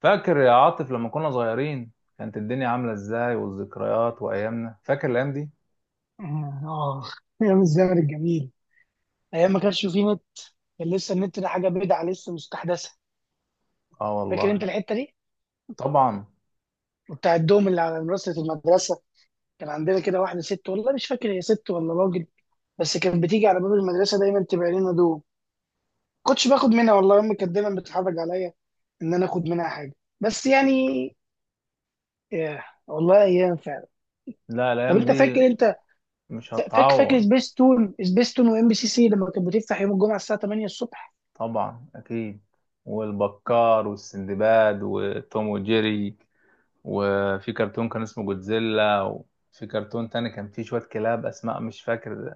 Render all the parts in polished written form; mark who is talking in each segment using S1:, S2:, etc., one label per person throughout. S1: فاكر يا عاطف لما كنا صغيرين، كانت الدنيا عاملة ازاي والذكريات وأيامنا؟ فاكر الأيام دي؟
S2: آه، آه. أيام الزمن الجميل. أيام ما كانش فيه نت، كان لسه النت ده حاجة بدعة لسه مستحدثة.
S1: اه
S2: فاكر أنت
S1: والله.
S2: الحتة دي؟
S1: طبعا.
S2: وبتاع الدوم اللي على منصة المدرسة، كان عندنا كده واحدة ست، والله مش فاكر هي ست ولا راجل، بس كانت بتيجي على باب المدرسة دايما تبيع لنا دوم. كنتش باخد منها، والله أمي كانت دايما بتتحرج عليا إن أنا آخد منها حاجة. بس يعني، ياه والله أيام فعلا.
S1: لا،
S2: طب
S1: الأيام
S2: أنت
S1: دي
S2: فاكر أنت
S1: مش
S2: فاكر فاكر
S1: هتعوض.
S2: سبيس تون سبيس تون وإم بي سي سي لما كانت بتفتح يوم الجمعة الساعة 8 الصبح
S1: طبعا أكيد. والبكار والسندباد وتوم وجيري، وفي كرتون كان اسمه جودزيلا، وفي كرتون تاني كان فيه شوية كلاب أسماء مش فاكر.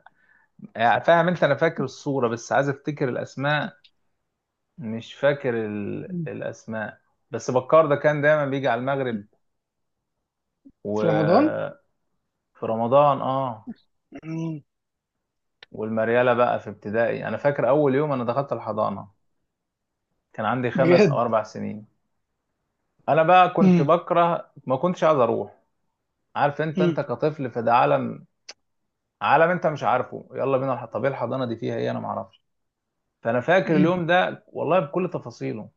S1: يعني فاهم أنت، أنا فاكر الصورة بس عايز أفتكر الأسماء. مش فاكر الأسماء. بس بكار ده كان دايما بيجي على المغرب
S2: في رمضان؟
S1: و في رمضان اه. والمريالة بقى في ابتدائي، انا فاكر اول يوم انا دخلت الحضانة كان عندي خمس او
S2: بجد؟
S1: اربع سنين انا بقى كنت
S2: مم.
S1: بكره، ما كنتش عايز اروح. عارف انت
S2: مم.
S1: كطفل في ده عالم، عالم انت مش عارفه، يلا بينا طب ايه الحضانة دي، فيها ايه؟ انا ما اعرفش. فانا فاكر
S2: مم.
S1: اليوم ده والله بكل تفاصيله.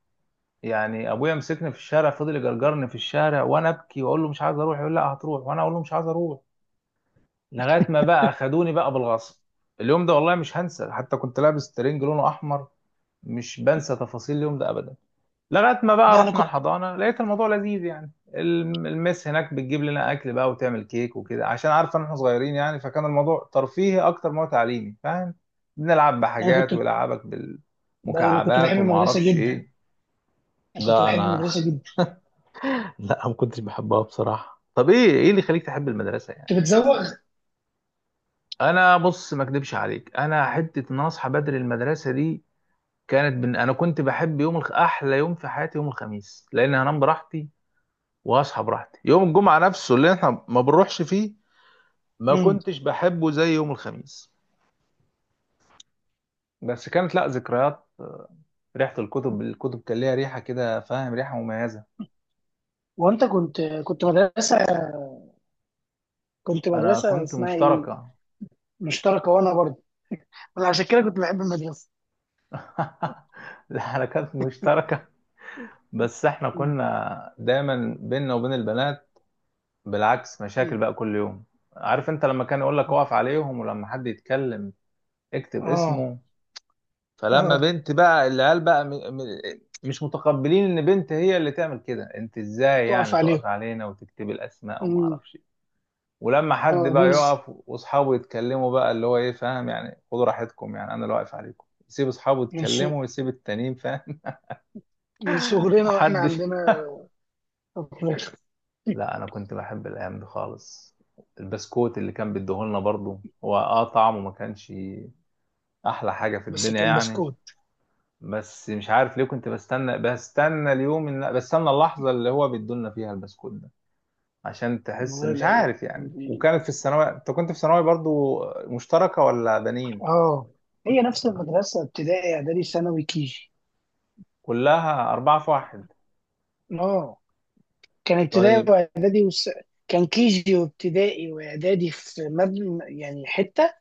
S1: يعني ابويا مسكني في الشارع، فضل يجرجرني في الشارع وانا ابكي واقول له مش عايز اروح، يقول لا هتروح، وانا اقول له مش عايز اروح. لغايه ما بقى خدوني بقى بالغصب. اليوم ده والله مش هنسى، حتى كنت لابس ترنج لونه احمر. مش بنسى تفاصيل اليوم ده ابدا. لغايه ما بقى
S2: لا،
S1: رحنا الحضانه لقيت الموضوع لذيذ، يعني المس هناك بتجيب لنا اكل بقى وتعمل كيك وكده، عشان عارفه ان احنا صغيرين. يعني فكان الموضوع ترفيهي اكتر ما هو تعليمي، فاهم؟ بنلعب
S2: انا
S1: بحاجات
S2: كنت
S1: ويلعبك
S2: انا كنت
S1: بالمكعبات
S2: بحب
S1: وما
S2: المدرسه
S1: اعرفش
S2: جدا،
S1: ايه.
S2: انا كنت
S1: لا
S2: بحب
S1: انا.
S2: المدرسه جدا،
S1: لا ما كنتش بحبها بصراحه. طب ايه اللي يخليك تحب المدرسه يعني؟
S2: كنت بتزوغ.
S1: انا بص ما اكدبش عليك، انا حته ان أنا اصحى بدري المدرسه دي. انا كنت بحب احلى يوم في حياتي يوم الخميس، لان هنام براحتي واصحى براحتي. يوم الجمعه نفسه اللي احنا ما بنروحش فيه، ما
S2: مم.
S1: كنتش بحبه زي يوم الخميس. بس كانت لا ذكريات، ريحه الكتب. كان ليها ريحه كده، فاهم، ريحه مميزه.
S2: وانت كنت
S1: انا
S2: مدرسه
S1: كنت
S2: اسمها ايه؟
S1: مشتركه.
S2: مشتركه، وانا برضه، انا عشان كده كنت بحب المدرسه.
S1: لا انا كانت مشتركه. بس احنا
S2: مم.
S1: كنا دايما بيننا وبين البنات بالعكس مشاكل
S2: مم.
S1: بقى كل يوم. عارف انت لما كان يقول لك اقف عليهم ولما حد يتكلم اكتب
S2: اه،
S1: اسمه. فلما
S2: اه.
S1: بنت بقى، العيال بقى مش متقبلين ان بنت هي اللي تعمل كده. انت ازاي يعني
S2: تقف عليهم.
S1: تقف علينا وتكتب الاسماء وما
S2: مم.
S1: اعرفش إيه. ولما حد
S2: اه،
S1: بقى يقف واصحابه يتكلموا بقى، اللي هو ايه فاهم يعني، خدوا راحتكم يعني انا اللي واقف عليكم، يسيب اصحابه
S2: من سو...
S1: يتكلموا ويسيب التانيين فاهم.
S2: من صغرنا واحنا
S1: محدش.
S2: عندنا أطفال.
S1: لا انا كنت بحب الايام دي خالص. البسكوت اللي كان بيديهولنا برضه هو اه طعمه ما كانش احلى حاجه في
S2: بس
S1: الدنيا
S2: كان
S1: يعني.
S2: بسكوت.
S1: بس مش عارف ليه كنت بستنى اليوم ان بستنى اللحظه اللي هو بيدولنا فيها البسكوت ده، عشان تحس
S2: والله؟
S1: مش
S2: لا.
S1: عارف يعني. وكانت في الثانويه، انت كنت في ثانوي برضو؟ مشتركه ولا بنين؟
S2: اه، هي نفس المدرسة ابتدائي اعدادي ثانوي كيجي.
S1: كلها 4 في 1.
S2: اه، كان ابتدائي
S1: طيب.
S2: واعدادي وس... كان كيجي وابتدائي واعدادي في مبنى يعني حتة،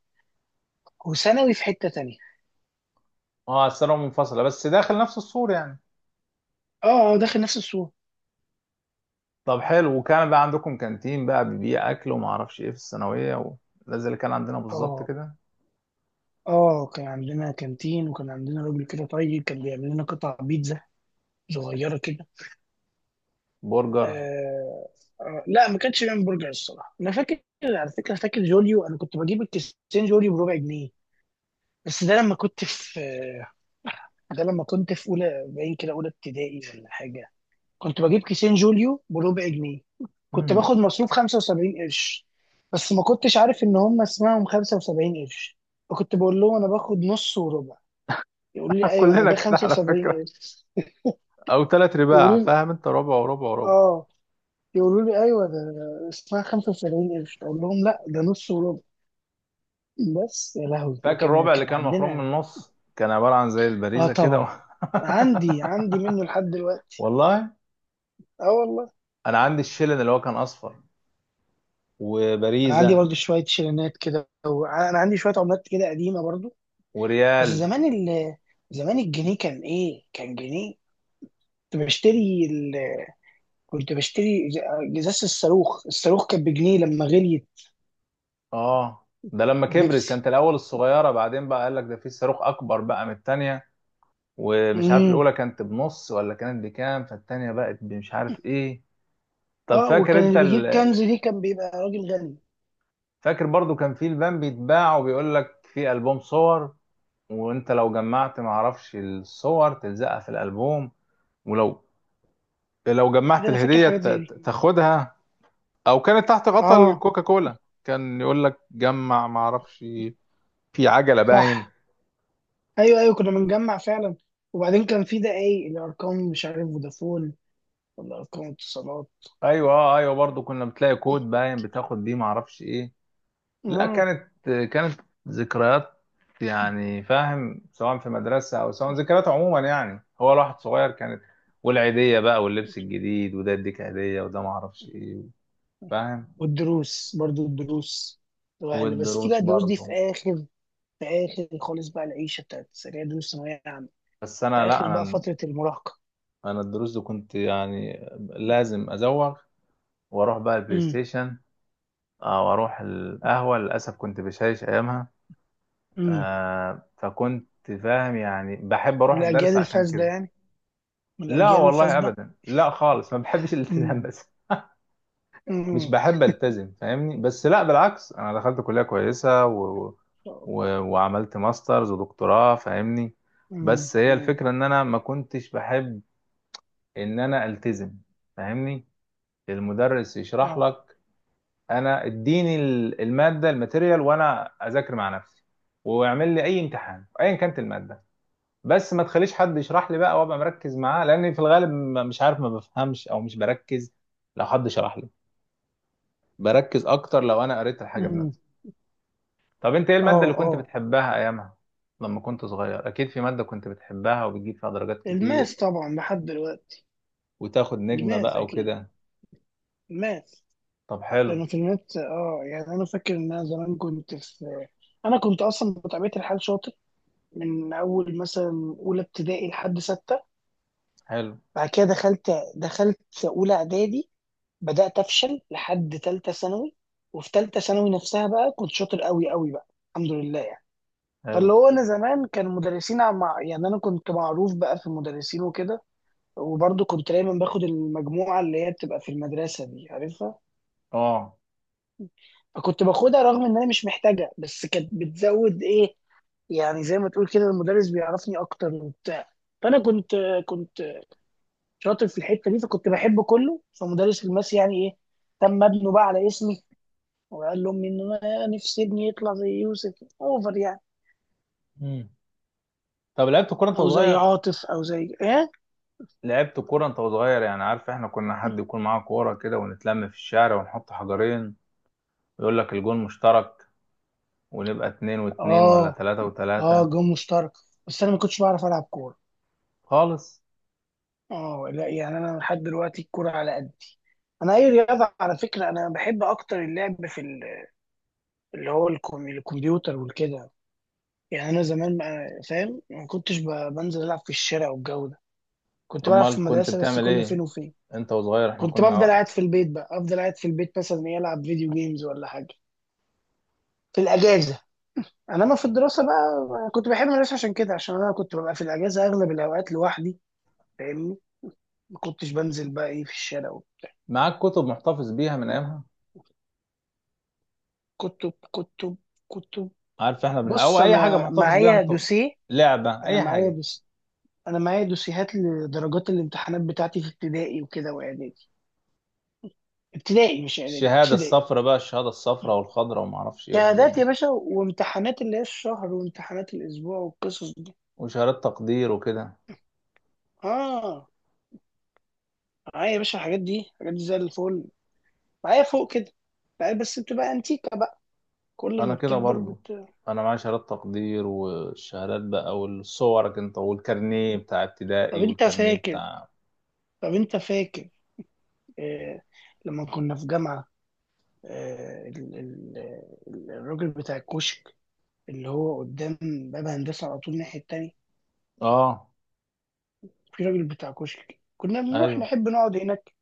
S2: وثانوي في حتة تانية.
S1: اه الثانوية منفصلة بس داخل نفس السور يعني.
S2: اه، اه، داخل نفس السور.
S1: طب حلو، وكان بقى عندكم كانتين بقى بيبيع أكل وما أعرفش إيه في الثانوية و... ده زي اللي كان عندنا بالظبط
S2: اه.
S1: كده.
S2: اه، كان عندنا كانتين، وكان عندنا راجل كده طيب كان بيعمل لنا قطع بيتزا صغيرة كده.
S1: برجر.
S2: آه. آه، لا ما كانش بيعمل برجر الصراحة. انا فاكر، على فكرة، فاكر جوليو، انا كنت بجيب الكيسين جوليو بربع جنيه. بس ده لما كنت في اولى باين كده، اولى ابتدائي ولا حاجه. كنت بجيب كيسين جوليو بربع جنيه. كنت
S1: مم.
S2: باخد مصروف 75 قرش، بس ما كنتش عارف ان هم اسمهم 75 قرش، فكنت بقول لهم انا باخد نص وربع، يقولوا لي ايوه ما
S1: كلنا
S2: ده
S1: كده على
S2: 75
S1: فكرة.
S2: قرش.
S1: أو تلات رباع
S2: يقولوا لي
S1: فاهم أنت، ربع وربع وربع.
S2: اه، يقولوا لي ايوه ده اسمها 75 قرش، اقول لهم لا ده نص وربع. بس يا لهوي،
S1: فاكر
S2: كان
S1: الربع اللي
S2: كان
S1: كان مخروم من
S2: عندنا.
S1: النص كان عبارة عن زي
S2: اه
S1: البريزة كده.
S2: طبعا. عندي منه لحد دلوقتي.
S1: والله.
S2: اه والله.
S1: أنا عندي الشيلن اللي هو كان أصفر،
S2: انا عندي
S1: وبريزة
S2: برضو شويه شيرينات كده، وانا عندي شويه عملات كده قديمه برضو. بس
S1: وريال.
S2: زمان الجنيه كان ايه، كان جنيه. كنت بشتري ال... كنت بشتري ج- ازازه الصاروخ. الصاروخ كان بجنيه لما غليت
S1: آه، ده لما كبرت.
S2: البيبسي.
S1: كانت الأول الصغيرة، بعدين بقى قال لك ده في صاروخ أكبر بقى من التانية. ومش عارف
S2: امم.
S1: الأولى كانت بنص ولا كانت بكام، فالتانية بقت مش عارف إيه. طب
S2: اه،
S1: فاكر
S2: وكان
S1: أنت
S2: اللي بيجيب كنز دي كان بيبقى راجل غني.
S1: فاكر برضو كان في البان بيتباع وبيقول لك في ألبوم صور، وأنت لو جمعت معرفش الصور تلزقها في الألبوم، ولو لو جمعت
S2: كده انا فاكر
S1: الهدية
S2: حاجات زي دي.
S1: تاخدها. او كانت تحت غطا
S2: اه.
S1: الكوكا كولا كان يقول لك جمع ما اعرفش، في عجلة باين.
S2: صح. ايوه، ايوه، كنا بنجمع فعلا. وبعدين كان في ده ايه، الارقام مش عارف، فودافون ولا ارقام اتصالات.
S1: ايوه آه، ايوه برضو كنا بتلاقي كود باين بتاخد بيه ما اعرفش ايه. لا
S2: اه.
S1: كانت كانت ذكريات يعني، فاهم، سواء في مدرسة او سواء ذكريات عموما. يعني هو الواحد صغير كانت، والعيدية بقى واللبس الجديد، وده يديك هدية وده ما اعرفش ايه، فاهم.
S2: والدروس برضو الدروس، الواحد بس دي بقى
S1: والدروس
S2: الدروس دي في
S1: برضو.
S2: اخر في اخر خالص بقى، العيشه بتاعت السريع، دروس ثانويه عامه،
S1: بس
S2: في
S1: انا
S2: اخر
S1: لا
S2: بقى
S1: انا
S2: فتره المراهقه.
S1: انا الدروس دي كنت يعني لازم ازوغ واروح بقى البلاي
S2: امم.
S1: ستيشن، او اروح القهوه، للاسف كنت بشايش ايامها.
S2: امم.
S1: آه، فكنت فاهم يعني، بحب
S2: من
S1: اروح
S2: الاجيال
S1: الدرس عشان
S2: الفاسده
S1: كده.
S2: يعني. من
S1: لا
S2: الاجيال
S1: والله
S2: الفاسده.
S1: ابدا، لا خالص، ما بحبش الالتزام
S2: امم.
S1: بس. مش
S2: امم.
S1: بحب التزم فاهمني. بس لا بالعكس، انا دخلت كليه كويسه و... و... وعملت ماسترز ودكتوراه فاهمني.
S2: امم.
S1: بس هي
S2: امم.
S1: الفكره ان انا ما كنتش بحب ان انا التزم، فاهمني. المدرس يشرح
S2: اه.
S1: لك، انا اديني الماده، الماتيريال، وانا اذاكر مع نفسي واعمل لي اي امتحان ايا كانت الماده. بس ما تخليش حد يشرح لي بقى وابقى مركز معاه، لان في الغالب مش عارف ما بفهمش او مش بركز لو حد شرح لي. بركز اكتر لو انا قريت الحاجه
S2: امم.
S1: بنفسي. طب انت ايه الماده اللي
S2: اه.
S1: كنت
S2: اه.
S1: بتحبها ايامها، لما كنت صغير؟ اكيد في ماده كنت بتحبها وبتجيب فيها درجات كتير
S2: الماس طبعا لحد دلوقتي.
S1: وتاخد نجمه
S2: الماس
S1: بقى
S2: اكيد.
S1: وكده.
S2: الماس.
S1: طب
S2: كانوا
S1: حلو.
S2: في الماس، اه، يعني انا فاكر ان انا زمان كنت في. انا كنت اصلا بطبيعه الحال شاطر، من اول مثلا اولى ابتدائي لحد سته.
S1: حلو
S2: بعد كده دخلت اولى اعدادي، بدات افشل لحد ثالثه ثانوي. وفي ثالثه ثانوي نفسها بقى كنت شاطر قوي قوي بقى، الحمد لله يعني.
S1: حلو.
S2: فاللي هو انا زمان كان مدرسين مع، يعني انا كنت معروف بقى في المدرسين وكده. وبرضه كنت دايما باخد المجموعه اللي هي بتبقى في المدرسه دي عارفها،
S1: اه.
S2: فكنت باخدها رغم ان انا مش محتاجها، بس كانت بتزود ايه، يعني زي ما تقول كده المدرس بيعرفني اكتر وبتاع. فانا كنت شاطر في الحته دي، فكنت بحب كله، فمدرس الماس يعني ايه، تم ابنه بقى على اسمي، وقال لهم ان أنا نفسي ابني يطلع زي يوسف، اوفر يعني،
S1: مم. طب لعبت كوره انت
S2: او زي
S1: وصغير؟
S2: عاطف او زي ايه.
S1: لعبت كورة انت وصغير؟ يعني عارف احنا كنا حد يكون معاه كورة كده، ونتلم في الشارع ونحط حجرين ويقول لك الجون مشترك، ونبقى 2 و2، ولا
S2: اه.
S1: تلاتة
S2: اه،
S1: وتلاتة
S2: جون مشترك. بس انا ما كنتش بعرف العب كوره.
S1: خالص.
S2: اه لا، يعني انا لحد دلوقتي الكوره على قد. انا اي رياضه على فكره، انا بحب اكتر اللعب في الكمبيوتر والكده يعني. انا زمان فاهم، ما كنتش بنزل العب في الشارع والجو ده. كنت
S1: طب
S2: بلعب
S1: ما
S2: في
S1: كنت
S2: المدرسه بس
S1: بتعمل
S2: كل فين
S1: ايه
S2: وفين.
S1: انت وصغير؟ احنا
S2: كنت بفضل
S1: كنا.
S2: قاعد في البيت بقى، افضل قاعد في البيت مثلا يلعب فيديو جيمز ولا حاجه في الاجازه. انما في الدراسه بقى كنت بحب المدرسه عشان كده، عشان انا كنت ببقى في الاجازه اغلب الاوقات لوحدي، فاهمني، ما كنتش بنزل بقى ايه في الشارع وبتاع.
S1: معاك كتب محتفظ بيها من ايامها؟
S2: كتب. كتب. كتب.
S1: عارف احنا او
S2: بص،
S1: اي حاجة محتفظ بيها انت، لعبة،
S2: انا
S1: اي
S2: معايا
S1: حاجة.
S2: دوس انا معايا دوسيهات لدرجات الامتحانات بتاعتي في ابتدائي وكده واعدادي. ابتدائي، مش اعدادي،
S1: الشهادة
S2: ابتدائي.
S1: الصفراء بقى، الشهادة الصفراء والخضراء وما اعرفش ايه والحاجات
S2: شهادات
S1: دي،
S2: يا باشا، وامتحانات اللي هي الشهر، وامتحانات الاسبوع والقصص دي.
S1: وشهادات تقدير وكده.
S2: اه، معايا يا باشا، الحاجات دي، الحاجات دي زي الفل، معايا فوق كده. معايا بس بتبقى انتيكة بقى، كل
S1: انا
S2: ما
S1: كده
S2: بتكبر
S1: برضو.
S2: بت...
S1: انا معايا شهادات تقدير والشهادات بقى والصورك انت، والكارنيه بتاع
S2: طب
S1: ابتدائي
S2: انت
S1: والكارنيه
S2: فاكر
S1: بتاع.
S2: طب انت فاكر، آه... لما كنا في جامعة، آه... ال... ال... الراجل بتاع الكشك، اللي هو قدام باب هندسة على طول الناحية التانية.
S1: اه
S2: في راجل بتاع كشك كنا بنروح
S1: ايوه
S2: نحب نقعد هناك،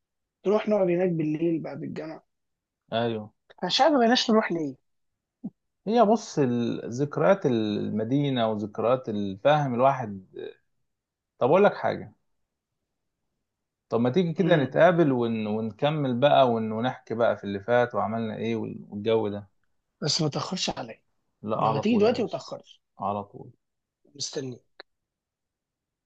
S2: نروح نقعد هناك بالليل بعد الجامعة.
S1: ايوه.
S2: انا مش عارف ما بقيناش نروح ليه.
S1: هي بص ذكريات المدينة وذكريات الفهم الواحد. طب اقول لك حاجة، طب ما تيجي كده
S2: مم.
S1: نتقابل ون... ونكمل بقى ون... ونحكي بقى في اللي فات وعملنا ايه وال- والجو ده.
S2: بس ما تأخرش عليا،
S1: لا،
S2: لو
S1: على
S2: هتيجي
S1: طول يا
S2: دلوقتي ما
S1: باشا،
S2: تأخرش.
S1: على طول.
S2: مستني.